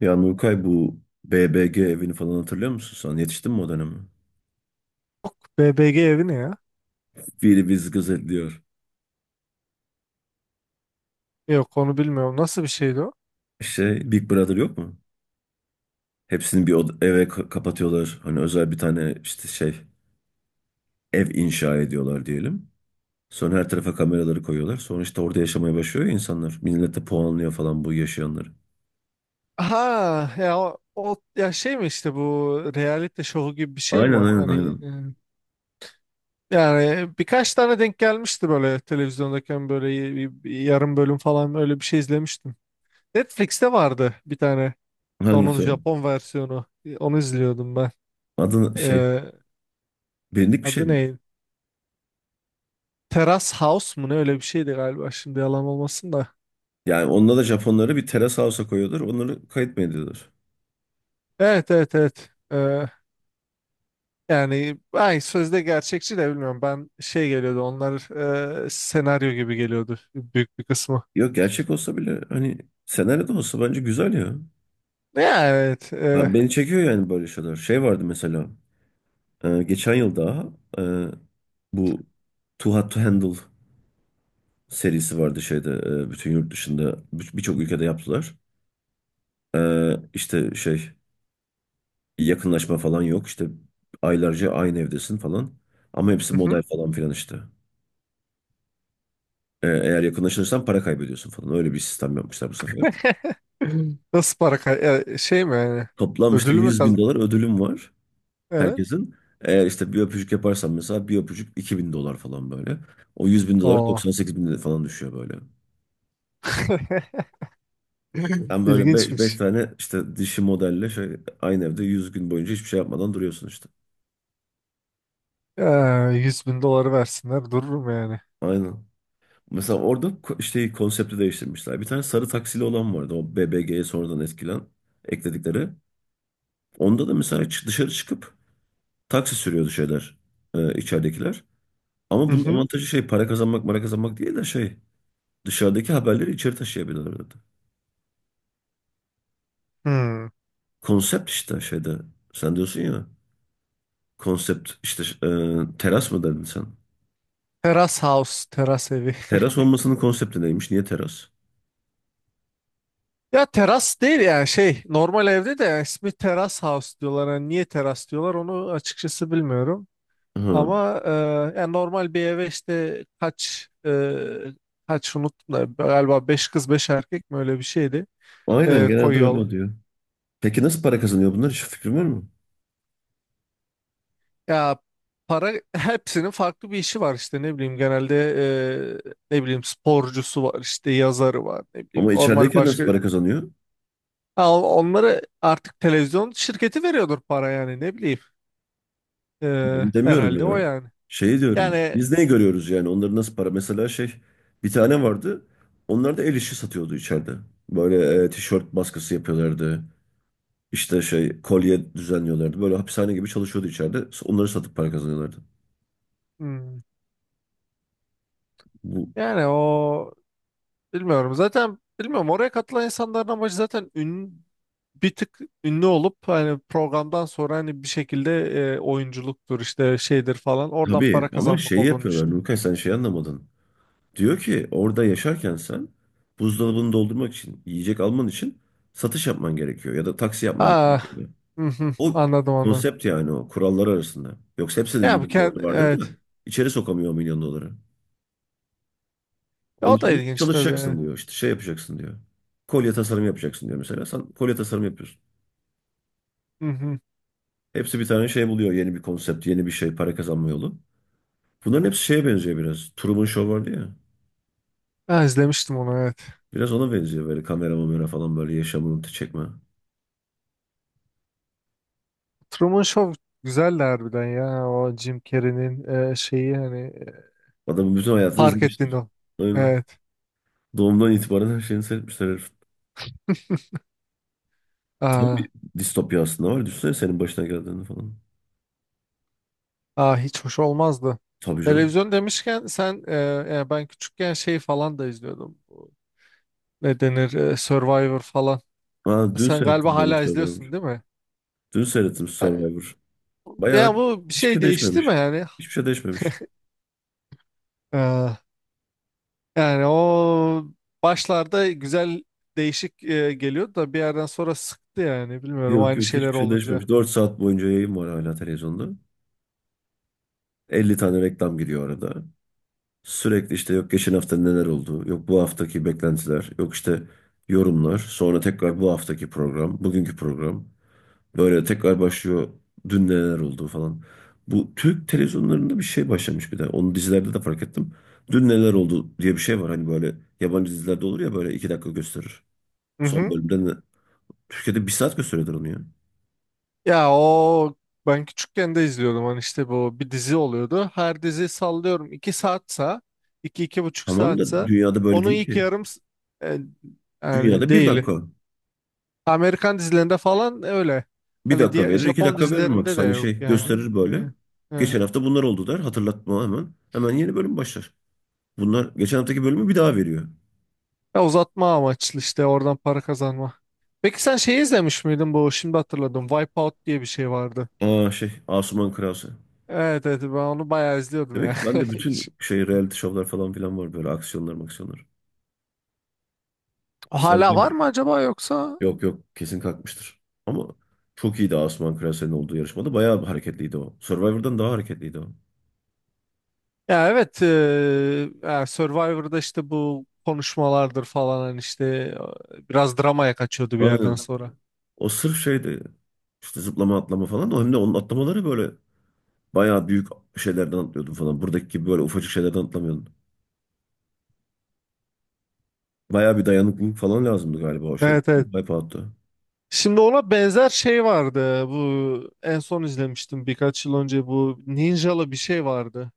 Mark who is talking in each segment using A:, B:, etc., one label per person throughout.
A: Ya Nurkay, bu BBG evini falan hatırlıyor musun sen? Yetiştin mi o döneme?
B: BBG evi ne ya?
A: Biri bizi gözetliyor.
B: Yok, onu bilmiyorum. Nasıl bir şeydi o?
A: Big Brother yok mu? Hepsini bir eve kapatıyorlar. Hani özel bir tane ev inşa ediyorlar diyelim. Sonra her tarafa kameraları koyuyorlar. Sonra işte orada yaşamaya başlıyor ya insanlar. Millet de puanlıyor falan bu yaşayanları.
B: Ha ya o, ya şey mi, işte bu reality show gibi bir şey mi?
A: Aynen, aynen,
B: Hani
A: aynen.
B: yani birkaç tane denk gelmişti böyle televizyondayken, böyle yarım bölüm falan öyle bir şey izlemiştim. Netflix'te vardı bir tane onun
A: Hangisi o?
B: Japon versiyonu. Onu izliyordum ben.
A: Adı şey
B: E,
A: Bilindik bir şey
B: Adı
A: mi?
B: ne? Terrace House mu ne, öyle bir şeydi galiba, şimdi yalan olmasın da.
A: Yani onda da Japonlara bir terrace house'a koyuyorlar. Onları kayıt mı ediyorlar?
B: Evet, evet, evet. Yani ay sözde gerçekçi de bilmiyorum. Ben şey geliyordu onlar, senaryo gibi geliyordu büyük bir kısmı.
A: Yok, gerçek olsa bile hani senaryo da olsa bence güzel ya.
B: Ya evet.
A: Abi beni çekiyor yani böyle şeyler. Şey vardı mesela. Geçen yıl daha e, bu Too Hot to Handle serisi vardı şeyde. E, Bütün yurt dışında birçok ülkede yaptılar. E, işte şey Yakınlaşma falan yok. İşte aylarca aynı evdesin falan. Ama hepsi
B: Hı hı.
A: model falan filan işte. Eğer yakınlaşırsan para kaybediyorsun falan. Öyle bir sistem yapmışlar bu sefer.
B: Nasıl para şey mi yani,
A: Toplam işte
B: ödülü mü
A: yüz bin dolar ödülüm var.
B: Evet.
A: Herkesin. Eğer işte bir öpücük yaparsan, mesela bir öpücük $2.000 falan böyle. O $100.000
B: Oo.
A: 98.000 falan düşüyor böyle. Ben böyle 5
B: İlginçmiş.
A: tane işte dişi modelle şey, aynı evde 100 gün boyunca hiçbir şey yapmadan duruyorsun işte.
B: Ee, 100 bin doları versinler dururum yani.
A: Aynen. Mesela orada konsepti değiştirmişler. Bir tane sarı taksili olan vardı. O BBG'ye sonradan ekledikleri. Onda da mesela dışarı çıkıp taksi sürüyordu şeyler. İçeridekiler. Ama
B: Hı
A: bunun
B: hı.
A: avantajı şey, para kazanmak değil de şey, dışarıdaki haberleri içeri taşıyabilirlerdi.
B: Hmm.
A: Konsept işte şeyde. Sen diyorsun ya. Konsept işte, teras mı dedin sen?
B: Teras house, teras evi.
A: Teras olmasının konsepti neymiş? Niye teras?
B: Ya teras değil yani, şey normal evde de, yani ismi teras house diyorlar. Yani niye teras diyorlar onu açıkçası bilmiyorum.
A: Ha,
B: Ama yani normal bir eve işte kaç unuttum da, galiba 5 kız 5 erkek mi öyle bir şeydi,
A: aynen, genelde öyle
B: koyuyorlar.
A: oluyor. Peki nasıl para kazanıyor bunlar? Hiç fikrin var mı?
B: Ya para, hepsinin farklı bir işi var işte, ne bileyim genelde ne bileyim sporcusu var, işte yazarı var, ne bileyim
A: Ama
B: normal
A: içerideyken nasıl
B: başka.
A: para kazanıyor?
B: Ha, onları artık televizyon şirketi veriyordur para yani, ne bileyim. E,
A: Ben demiyorum
B: Herhalde o,
A: ya.
B: yani.
A: Şey diyorum.
B: Yani
A: Biz neyi görüyoruz yani? Onların nasıl para? Mesela şey, bir tane vardı. Onlar da el işi satıyordu içeride. Böyle tişört baskısı yapıyorlardı. İşte şey, kolye düzenliyorlardı. Böyle hapishane gibi çalışıyordu içeride. Onları satıp para kazanıyorlardı.
B: hmm,
A: Bu,
B: yani o, bilmiyorum. Zaten bilmiyorum. Oraya katılan insanların amacı zaten, bir tık ünlü olup hani programdan sonra, hani bir şekilde oyunculuktur işte şeydir falan, oradan
A: tabii
B: para
A: ama
B: kazanmak
A: şey
B: olduğunu
A: yapıyorlar
B: düşünüyorum.
A: Nurkay, sen şey anlamadın. Diyor ki orada yaşarken sen buzdolabını doldurmak için, yiyecek alman için satış yapman gerekiyor ya da taksi yapman gerekiyor,
B: Ah,
A: diyor.
B: hı hı,
A: O
B: anladım onu.
A: konsept yani, o kurallar arasında. Yoksa hepsinin
B: Ya bu
A: milyon doları vardır da
B: evet.
A: içeri sokamıyor o milyon doları. Onun
B: O
A: için
B: da
A: diyor ki
B: ilginç tabii. Evet.
A: çalışacaksın diyor, işte şey yapacaksın diyor. Kolye tasarımı yapacaksın diyor mesela, sen kolye tasarımı yapıyorsun.
B: Hı hı.
A: Hepsi bir tane şey buluyor, yeni bir konsept, yeni bir şey para kazanma yolu. Bunların hepsi şeye benziyor biraz. Truman Show vardı ya.
B: Ha, izlemiştim onu, evet.
A: Biraz ona benziyor, böyle kamera mamera falan, böyle yaşamını çekme.
B: Truman Show güzeldi harbiden ya. O Jim Carrey'nin şeyi, hani
A: Adamın bütün hayatını
B: fark ettiğin
A: izlemişler.
B: o.
A: Aynen.
B: Evet.
A: Doğumdan itibaren her şeyini seyretmişler herif. Tam
B: Aa.
A: bir distopya aslında var. Düşünsene senin başına geldiğini falan.
B: Aa, hiç hoş olmazdı.
A: Tabii canım.
B: Televizyon demişken sen, yani ben küçükken şey falan da izliyordum. Bu, ne denir, Survivor falan.
A: Ha, dün
B: Sen galiba
A: seyrettim ben de
B: hala izliyorsun
A: Survivor.
B: değil mi?
A: Dün seyrettim
B: E,
A: Survivor. Bayağı
B: Ya bu bir
A: hiçbir
B: şey
A: şey
B: değişti
A: değişmemiş.
B: mi yani?
A: Hiçbir şey değişmemiş.
B: E, Yani o başlarda güzel, değişik geliyordu da, bir yerden sonra sıktı yani. Bilmiyorum,
A: Yok
B: aynı
A: yok, hiçbir
B: şeyler
A: şey
B: olunca.
A: değişmemiş. 4 saat boyunca yayın var hala televizyonda. 50 tane reklam giriyor arada. Sürekli işte, yok geçen hafta neler oldu, yok bu haftaki beklentiler, yok işte yorumlar, sonra tekrar bu haftaki program, bugünkü program. Böyle tekrar başlıyor, dün neler oldu falan. Bu Türk televizyonlarında bir şey başlamış bir de. Onu dizilerde de fark ettim. Dün neler oldu diye bir şey var. Hani böyle yabancı dizilerde olur ya, böyle 2 dakika gösterir. Son bölümde ne? Türkiye'de 1 saat gösteriyorlar onu ya.
B: Ya o, ben küçükken de izliyordum, hani işte, bu bir dizi oluyordu. Her dizi sallıyorum 2 saatsa, 2 iki buçuk
A: Tamam da
B: saatsa
A: dünyada böyle
B: onun
A: değil
B: ilk
A: ki.
B: yarım e, yani
A: Dünyada bir
B: değil.
A: dakika.
B: Amerikan dizilerinde falan öyle.
A: Bir
B: Hani
A: dakika
B: diye
A: verir, iki
B: Japon
A: dakika verir max.
B: dizilerinde de
A: Hani
B: yok
A: şey
B: yani.
A: gösterir böyle. Geçen hafta bunlar oldu der. Hatırlatma hemen. Hemen yeni bölüm başlar. Bunlar geçen haftaki bölümü bir daha veriyor.
B: Ya uzatma amaçlı işte, oradan para kazanma. Peki sen şey izlemiş miydin, bu, şimdi hatırladım, Wipeout diye bir şey vardı.
A: Aa, şey, Asuman Krause.
B: Evet, evet, ben onu bayağı izliyordum
A: Demek
B: ya.
A: ki ben de bütün şey reality şovlar falan filan var böyle, aksiyonlar maksiyonlar.
B: Hala var
A: Survivor.
B: mı acaba, yoksa?
A: Yok yok, kesin kalkmıştır. Ama çok iyiydi Asuman Krause'nin olduğu yarışmada. Bayağı hareketliydi o. Survivor'dan daha hareketliydi o.
B: Ya evet, ya Survivor'da işte bu konuşmalardır falan, hani işte biraz dramaya kaçıyordu bir yerden
A: Aynen.
B: sonra.
A: O sırf şeydi. İşte zıplama atlama falan. O hem de, onun atlamaları böyle bayağı büyük şeylerden atlıyordum falan. Buradaki gibi böyle ufacık şeylerden atlamıyordum. Bayağı bir dayanıklılık falan lazımdı galiba o şeyde.
B: Evet, evet.
A: Wipeout'ta.
B: Şimdi ona benzer şey vardı. Bu en son izlemiştim birkaç yıl önce, bu ninjalı bir şey vardı.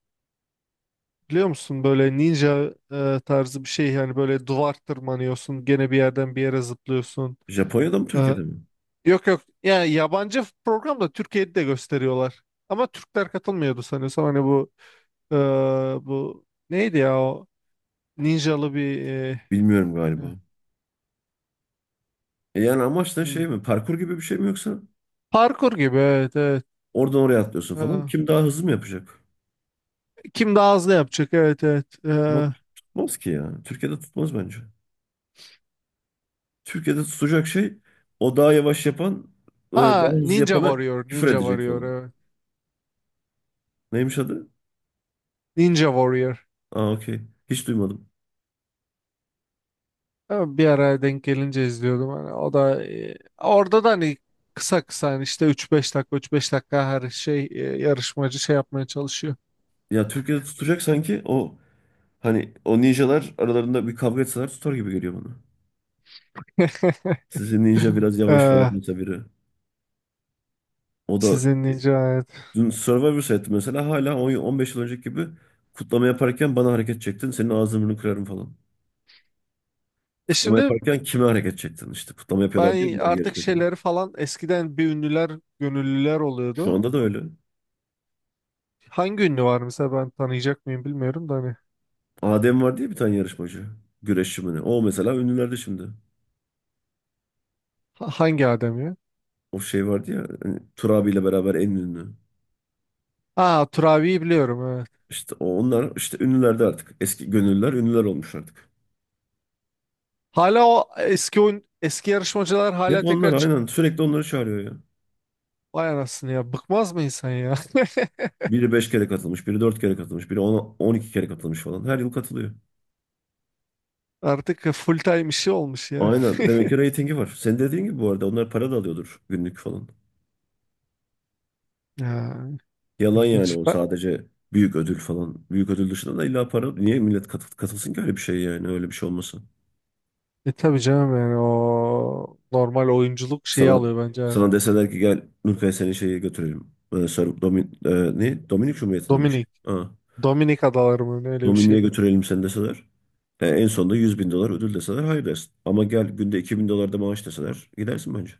B: Biliyor musun, böyle ninja tarzı bir şey, yani böyle duvar tırmanıyorsun gene, bir yerden bir yere zıplıyorsun.
A: Japonya'da mı
B: E,
A: Türkiye'de mi?
B: Yok, yok. Yani yabancı program, da Türkiye'de de gösteriyorlar. Ama Türkler katılmıyordu sanıyorsam. Hani bu e, bu neydi ya, o ninjalı bir
A: Bilmiyorum
B: e,
A: galiba. E yani amaç da şey
B: hmm.
A: mi? Parkur gibi bir şey mi, yoksa
B: Parkur gibi, evet, evet.
A: oradan oraya atlıyorsun
B: E,
A: falan. Kim daha hızlı mı yapacak?
B: Kim daha hızlı yapacak, evet, evet.
A: Ama tutmaz ki ya. Türkiye'de tutmaz bence. Türkiye'de tutacak şey, o daha yavaş yapan, daha
B: Ha,
A: hızlı
B: Ninja
A: yapana
B: Warrior,
A: küfür
B: Ninja
A: edecek
B: Warrior,
A: falan.
B: evet.
A: Neymiş adı?
B: Ninja Warrior.
A: Aa, okey. Hiç duymadım.
B: Bir ara denk gelince izliyordum. Hani o da orada da hani kısa kısa, hani işte üç beş dakika üç beş dakika her şey, yarışmacı şey yapmaya çalışıyor.
A: Ya, Türkiye'de tutacak sanki o. Hani o ninjalar aralarında bir kavga etseler tutar gibi geliyor bana. Sizin ninja biraz yavaş falan
B: Ee,
A: mesela biri. O da,
B: sizin ninja hayat.
A: dün Survivor seyrettim mesela, hala 10 15 yıl önceki gibi kutlama yaparken bana hareket çektin, senin ağzını burnunu kırarım falan. Kutlama
B: Şimdi
A: yaparken kime hareket çektin işte. Kutlama yapıyorlar diye
B: ben
A: bunlar,
B: artık
A: yarışmacı.
B: şeyleri falan, eskiden bir ünlüler, gönüllüler
A: Şu
B: oluyordu.
A: anda da öyle.
B: Hangi ünlü var mesela, ben tanıyacak mıyım bilmiyorum da, hani
A: Adem var diye bir tane yarışmacı. Güreşçi mi ne? O mesela ünlülerde şimdi.
B: hangi adam ya?
A: O şey vardı ya hani, Tur abiyle beraber en ünlü.
B: Ha, Turabi'yi biliyorum, evet.
A: İşte onlar işte ünlülerde artık. Eski gönüllüler ünlüler olmuş artık.
B: Hala o eski eski yarışmacılar
A: Hep
B: hala tekrar
A: onlar
B: çıkıp,
A: aynen. Sürekli onları çağırıyor ya.
B: vay anasını ya, bıkmaz mı insan ya?
A: Biri 5 kere katılmış, biri 4 kere katılmış, biri 12 kere katılmış falan. Her yıl katılıyor.
B: Artık full time işi olmuş ya.
A: Aynen. Demek ki reytingi var. Senin dediğin gibi, bu arada onlar para da alıyordur günlük falan.
B: Ya
A: Yalan yani,
B: ilginç.
A: o
B: Ben,
A: sadece büyük ödül falan. Büyük ödül dışında da illa para. Niye millet katılsın ki öyle bir şey? Yani öyle bir şey olmasın.
B: tabii canım yani, o normal oyunculuk şeyi
A: Sana,
B: alıyor bence.
A: deseler ki gel Nurkaya seni şeye götürelim. Ne? Dominik Cumhuriyeti'nde mi şey?
B: Dominik.
A: Ha.
B: Dominik Adaları mı ne, öyle bir
A: Domini'ye
B: şeydi.
A: götürelim seni deseler. En sonunda $100.000 ödül deseler hayır dersin. Ama gel, günde $2.000 da maaş deseler gidersin bence.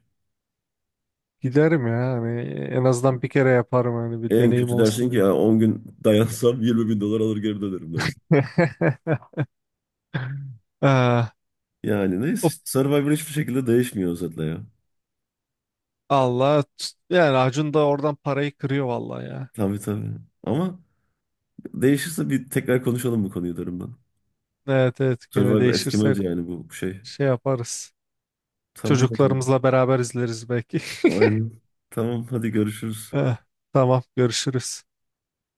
B: Giderim ya, hani en azından bir kere yaparım, hani bir
A: En
B: deneyim
A: kötü dersin
B: olsun
A: ki
B: diye.
A: ya, 10 gün dayansam $20.000 alır geri dönerim dersin.
B: Ee,
A: Yani neyse,
B: hop,
A: işte Survivor hiçbir şekilde değişmiyor özetle ya.
B: Allah, yani Acun da oradan parayı kırıyor vallahi ya.
A: Tabii tabii. Ama değişirse bir tekrar konuşalım bu konuyu derim ben.
B: Evet, evet, gene
A: Survivor
B: değişirse
A: eskimez yani bu şey.
B: şey yaparız.
A: Tamam o zaman.
B: Çocuklarımızla beraber izleriz belki.
A: Aynen. Tamam hadi görüşürüz.
B: Eh, tamam, görüşürüz.